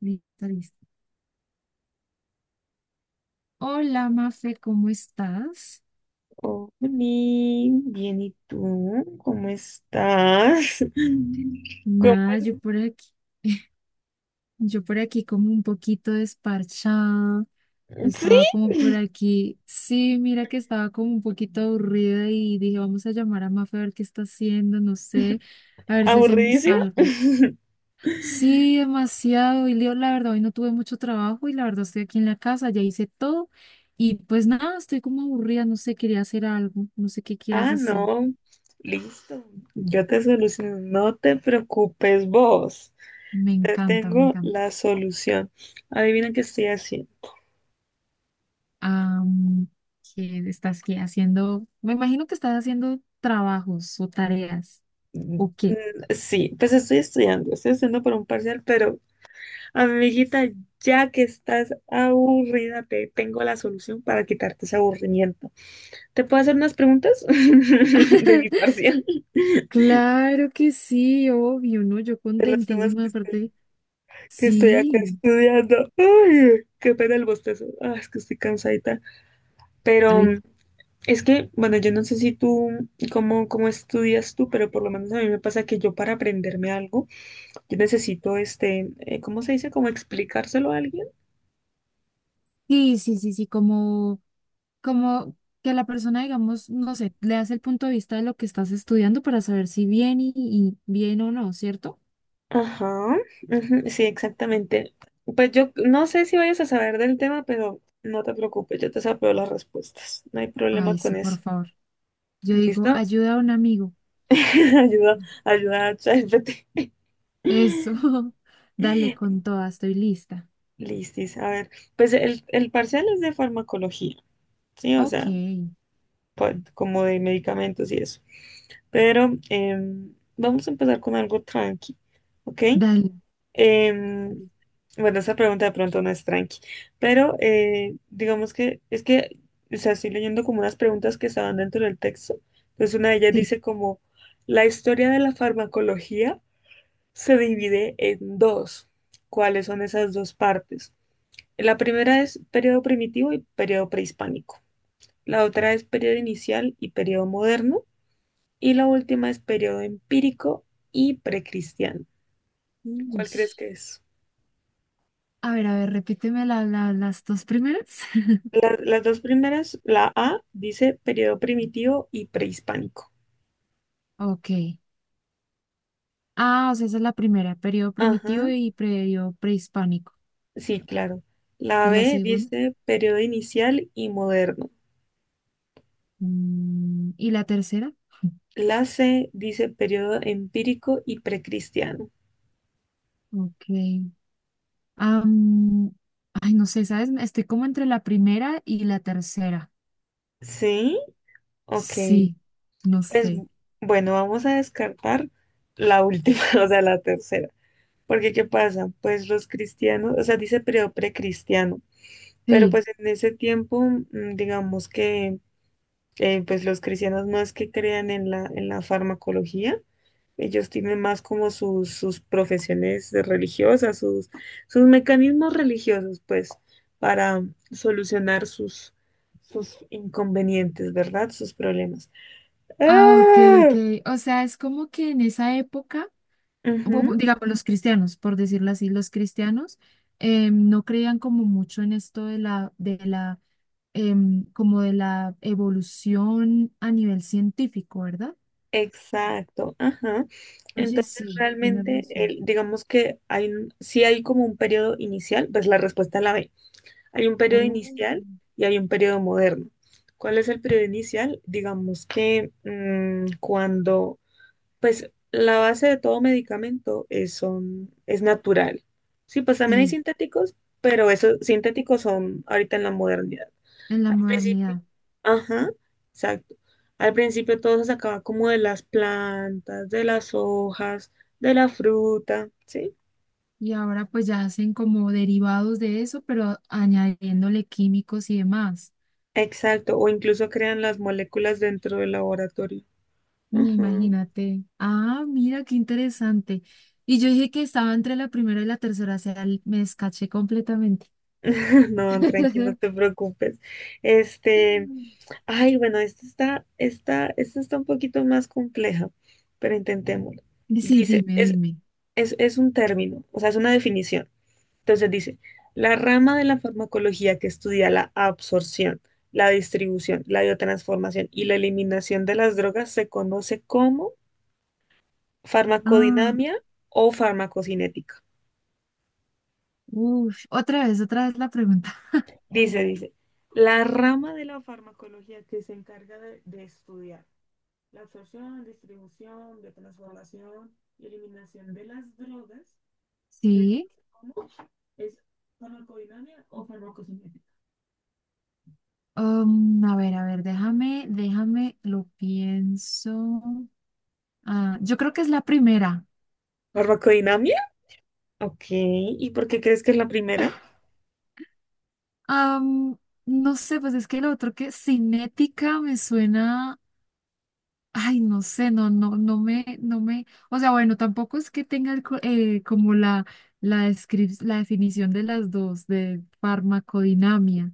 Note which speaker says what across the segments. Speaker 1: Listo, listo. Hola, Mafe, ¿cómo estás?
Speaker 2: Oli, bien, ¿y tú? ¿Cómo estás? ¿Cómo-
Speaker 1: Nada, yo por aquí como un poquito desparchada.
Speaker 2: ¿Sí?
Speaker 1: Estaba como por aquí. Sí, mira que estaba como un poquito aburrida y dije, vamos a llamar a Mafe a ver qué está haciendo, no sé, a ver si hacemos
Speaker 2: ¿Aburridísima?
Speaker 1: algo. Sí, demasiado. Y Leo, la verdad, hoy no tuve mucho trabajo y la verdad estoy aquí en la casa, ya hice todo. Y pues nada, estoy como aburrida, no sé, quería hacer algo, no sé qué quieras
Speaker 2: Ah,
Speaker 1: hacer.
Speaker 2: no. Listo. Yo te soluciono. No te preocupes vos.
Speaker 1: Me
Speaker 2: Te
Speaker 1: encanta, me
Speaker 2: tengo
Speaker 1: encanta.
Speaker 2: la solución. Adivina qué estoy haciendo.
Speaker 1: am, ¿Que estás que haciendo? Me imagino que estás haciendo trabajos o tareas,
Speaker 2: Mm,
Speaker 1: ¿o qué?
Speaker 2: sí, pues estoy estudiando. Estoy estudiando por un parcial, pero amiguita, ya que estás aburrida, te tengo la solución para quitarte ese aburrimiento. ¿Te puedo hacer unas preguntas de mi parcial? De
Speaker 1: Claro que sí, obvio, ¿no? Yo
Speaker 2: los temas
Speaker 1: contentísima
Speaker 2: que
Speaker 1: de parte.
Speaker 2: estoy acá
Speaker 1: Sí,
Speaker 2: estudiando. Ay, qué pena el bostezo. Ah, es que estoy cansadita. Pero
Speaker 1: ay,
Speaker 2: es que, bueno, yo no sé si tú, cómo estudias tú, pero por lo menos a mí me pasa que yo para aprenderme algo, yo necesito, ¿cómo se dice? Como explicárselo a alguien.
Speaker 1: sí, sí, sí, sí, como, como que la persona, digamos, no sé, le hace el punto de vista de lo que estás estudiando para saber si bien y, bien o no, ¿cierto?
Speaker 2: Ajá, ujú, sí, exactamente. Pues yo no sé si vayas a saber del tema, pero no te preocupes, yo te sapeo las respuestas. No hay problema
Speaker 1: Ay, sí,
Speaker 2: con
Speaker 1: por
Speaker 2: eso.
Speaker 1: favor. Yo digo,
Speaker 2: ¿Listo?
Speaker 1: ayuda a un amigo.
Speaker 2: Ayuda, ayuda a ChatGPT.
Speaker 1: Eso, dale con toda, estoy lista.
Speaker 2: Listis, a ver. Pues el parcial es de farmacología, ¿sí? O
Speaker 1: Ok.
Speaker 2: sea, pa- como de medicamentos y eso. Pero vamos a empezar con algo tranqui, ¿ok?
Speaker 1: Dale.
Speaker 2: Em, bueno, esa pregunta de pronto no es tranqui, pero digamos que es que, o sea, estoy leyendo como unas preguntas que estaban dentro del texto. Entonces una de ellas
Speaker 1: Sí.
Speaker 2: dice como, la historia de la farmacología se divide en dos. ¿Cuáles son esas dos partes? La primera es periodo primitivo y periodo prehispánico. La otra es periodo inicial y periodo moderno. Y la última es periodo empírico y precristiano.
Speaker 1: Uy.
Speaker 2: ¿Cuál crees que es?
Speaker 1: A ver, repíteme las dos primeras.
Speaker 2: La- las dos primeras, la A dice periodo primitivo y prehispánico.
Speaker 1: Ok. Ah, o sea, esa es la primera, periodo primitivo
Speaker 2: Ajá,
Speaker 1: y periodo prehispánico.
Speaker 2: sí, claro. La
Speaker 1: ¿Y la
Speaker 2: B
Speaker 1: segunda?
Speaker 2: dice periodo inicial y moderno.
Speaker 1: Mm, ¿y la tercera?
Speaker 2: La C dice periodo empírico y precristiano.
Speaker 1: Ok. Am, ay, no sé, ¿sabes? Estoy como entre la primera y la tercera.
Speaker 2: ¿Sí? Ok,
Speaker 1: Sí, no
Speaker 2: pues
Speaker 1: sé.
Speaker 2: bueno, vamos a descartar la última, o sea, la tercera. Porque ¿qué pasa? Pues los cristianos, o sea, dice periodo precristiano, pero
Speaker 1: Sí.
Speaker 2: pues en ese tiempo, mm, digamos que pues los cristianos no es que crean en en la farmacología, ellos tienen más como sus profesiones religiosas, sus mecanismos religiosos, pues, para solucionar sus inconvenientes, ¿verdad? Sus problemas.
Speaker 1: Ah, ok,
Speaker 2: ¡Ah!
Speaker 1: ok. O sea, es como que en esa época
Speaker 2: Ujú,
Speaker 1: digamos, los cristianos, por decirlo así, los cristianos no creían como mucho en esto de como de la evolución a nivel científico, ¿verdad?
Speaker 2: exacto, ajá.
Speaker 1: Oye,
Speaker 2: Entonces
Speaker 1: sí, tienes
Speaker 2: realmente,
Speaker 1: razón.
Speaker 2: el, digamos que hay, un- sí hay como un periodo inicial, pues la respuesta la B. Hay un periodo
Speaker 1: Oh.
Speaker 2: inicial y hay un periodo moderno. ¿Cuál es el periodo inicial? Digamos que cuando, pues la base de todo medicamento es natural. Sí, pues también hay
Speaker 1: Sí,
Speaker 2: sintéticos, pero esos sintéticos son ahorita en la modernidad.
Speaker 1: en la
Speaker 2: Al principio,
Speaker 1: modernidad.
Speaker 2: ajá, exacto. Al principio todo se sacaba como de las plantas, de las hojas, de la fruta, ¿sí?
Speaker 1: Y ahora pues ya hacen como derivados de eso, pero añadiéndole químicos y demás.
Speaker 2: Exacto, o incluso crean las moléculas dentro del laboratorio.
Speaker 1: Ni
Speaker 2: Ajá.
Speaker 1: imagínate. Ah, mira, qué interesante. Y yo dije que estaba entre la primera y la tercera, o sea, me escaché completamente.
Speaker 2: No, tranqui, no te preocupes. Este, ay, bueno, esta está un poquito más compleja, pero intentémoslo.
Speaker 1: Sí,
Speaker 2: Dice,
Speaker 1: dime,
Speaker 2: es,
Speaker 1: dime.
Speaker 2: es un término, o sea, es una definición. Entonces dice, la rama de la farmacología que estudia la absorción, la distribución, la biotransformación y la eliminación de las drogas se conoce como
Speaker 1: Ah,
Speaker 2: farmacodinamia o farmacocinética.
Speaker 1: uf, otra vez la pregunta.
Speaker 2: Dice, la rama de la farmacología que se encarga de estudiar la absorción, distribución, biotransformación y eliminación de las drogas se
Speaker 1: Sí.
Speaker 2: conoce como es farmacodinamia o farmacocinética.
Speaker 1: A ver, a ver, déjame, lo pienso. Ah, yo creo que es la primera.
Speaker 2: ¿Farmacodinamia? Ok, ¿y por qué crees que es la primera?
Speaker 1: Am, no sé, pues es que lo otro que cinética me suena. Ay, no sé, no, no, no me, o sea, bueno, tampoco es que tenga el como la, la definición de las dos, de farmacodinamia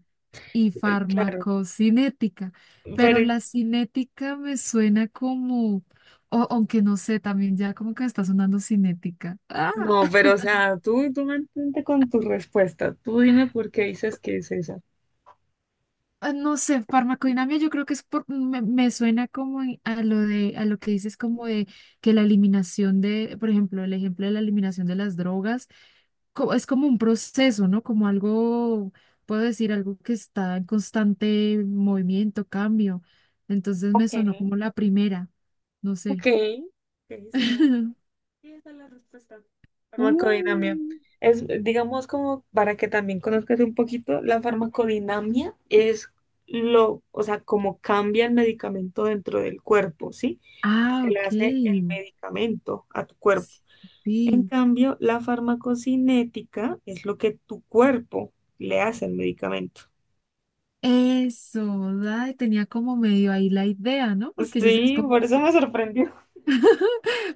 Speaker 1: y
Speaker 2: Claro,
Speaker 1: farmacocinética, pero
Speaker 2: pero
Speaker 1: la cinética me suena como, o, aunque no sé, también ya como que me está sonando cinética. Ah,
Speaker 2: no, pero o sea, tú mantente con tu respuesta. Tú dime por qué dices que es esa.
Speaker 1: ah, no sé, farmacodinamia yo creo que es por, me suena como a lo de, a lo que dices como de que la eliminación de, por ejemplo, el ejemplo de la eliminación de las drogas es como un proceso, ¿no? Como algo, puedo decir, algo que está en constante movimiento, cambio. Entonces me
Speaker 2: Ok,
Speaker 1: sonó como la primera, no sé.
Speaker 2: ok, ok, se vale. Sí, esa es la respuesta. Farmacodinamia.
Speaker 1: Uh,
Speaker 2: Es, digamos, como para que también conozcas un poquito, la farmacodinamia es lo, o sea, cómo cambia el medicamento dentro del cuerpo, ¿sí? Lo
Speaker 1: ah,
Speaker 2: que le
Speaker 1: ok.
Speaker 2: hace el medicamento a tu cuerpo. En
Speaker 1: Sí.
Speaker 2: cambio, la farmacocinética es lo que tu cuerpo le hace al medicamento.
Speaker 1: Eso, ay, tenía como medio ahí la idea, ¿no? Porque yo decía, es
Speaker 2: Sí, por
Speaker 1: como...
Speaker 2: eso me sorprendió.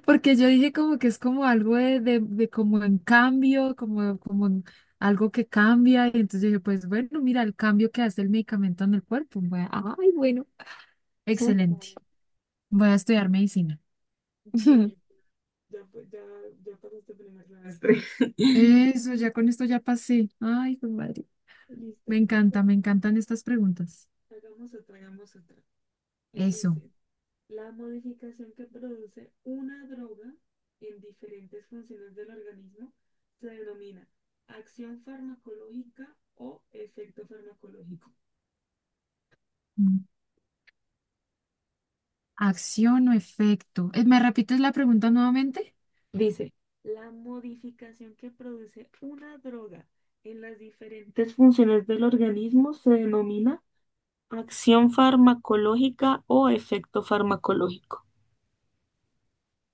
Speaker 1: Porque yo dije como que es como algo de como en cambio, como en algo que cambia. Y entonces dije, pues bueno, mira el cambio que hace el medicamento en el cuerpo. Ay, bueno, excelente.
Speaker 2: Ujú.
Speaker 1: Voy a estudiar medicina.
Speaker 2: Sí, ya, ya, ya pasaste primer semestre.
Speaker 1: Eso, ya con esto ya pasé. Ay, qué madre. Me
Speaker 2: Listo.
Speaker 1: encanta, me encantan estas preguntas.
Speaker 2: Hagamos otra, hagamos otra.
Speaker 1: Eso.
Speaker 2: Dice, la modificación que produce una droga en diferentes funciones del organismo se denomina acción farmacológica o efecto farmacológico.
Speaker 1: Mm. Acción o efecto. ¿Me repites la pregunta nuevamente?
Speaker 2: Dice, la modificación que produce una droga en las diferentes funciones del organismo se denomina acción farmacológica o efecto farmacológico.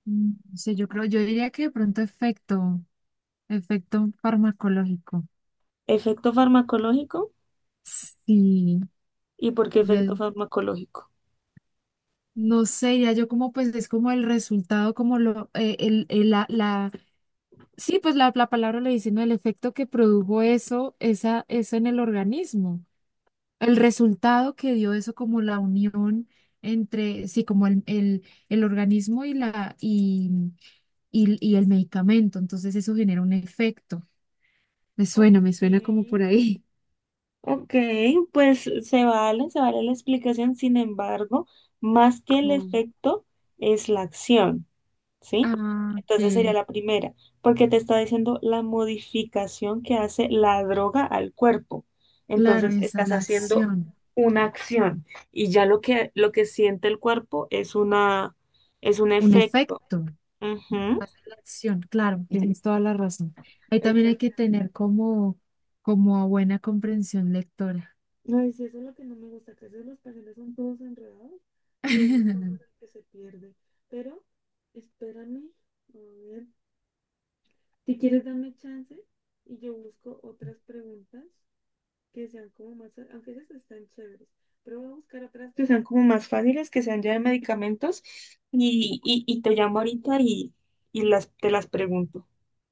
Speaker 1: Mm, no yo creo, yo diría que de pronto efecto, efecto farmacológico.
Speaker 2: Efecto farmacológico,
Speaker 1: Sí.
Speaker 2: ¿y por qué
Speaker 1: Ya,
Speaker 2: efecto farmacológico?
Speaker 1: no sé, ya yo como pues es como el resultado, como lo, la, sí, pues la palabra lo dice, ¿no? El efecto que produjo eso, esa, eso en el organismo, el resultado que dio eso como la unión entre, sí, como el organismo y y el medicamento, entonces eso genera un efecto.
Speaker 2: Ok,
Speaker 1: Me suena como por ahí.
Speaker 2: ok, pues se vale la explicación, sin embargo, más que el
Speaker 1: Mm.
Speaker 2: efecto es la acción, ¿sí?
Speaker 1: Ah,
Speaker 2: Entonces sería
Speaker 1: que
Speaker 2: la primera, porque te está diciendo la modificación que hace la droga al cuerpo.
Speaker 1: claro,
Speaker 2: Entonces
Speaker 1: esa es
Speaker 2: estás
Speaker 1: la
Speaker 2: haciendo
Speaker 1: acción,
Speaker 2: una acción y ya lo que siente el cuerpo es una, es un
Speaker 1: un
Speaker 2: efecto.
Speaker 1: efecto.
Speaker 2: Ujú,
Speaker 1: Más de la acción, claro, sí, tienes toda la razón. Ahí también hay que
Speaker 2: exactamente.
Speaker 1: tener como, como a buena comprensión lectora.
Speaker 2: Ay, sí, eso es lo que no me gusta, que a veces los papeles son todos enredados y uno solo es el que se pierde. Pero espérame, a ver, si quieres dame chance y yo busco otras preguntas que sean como más, aunque esas están chéveres, pero voy a buscar otras que sean como más fáciles, que sean ya de medicamentos y te llamo ahorita te las pregunto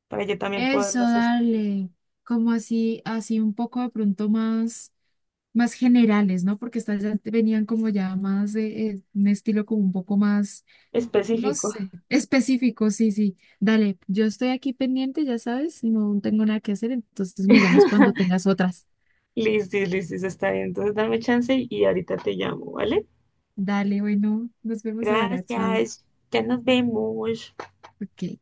Speaker 2: para yo también
Speaker 1: Eso,
Speaker 2: poderlas estudiar.
Speaker 1: dale, como así, así un poco de pronto más, más generales, ¿no? Porque estas ya te venían como ya más de un estilo como un poco más, no
Speaker 2: Específico.
Speaker 1: sé, específico, sí, sí. Dale, yo estoy aquí pendiente, ya sabes, no tengo nada que hacer, entonces me llamas cuando tengas otras.
Speaker 2: Listis, listis, está bien. Entonces dame chance y ahorita te llamo, ¿vale?
Speaker 1: Dale, bueno, nos vemos ahora, chao.
Speaker 2: Gracias, ya nos vemos.
Speaker 1: Ok.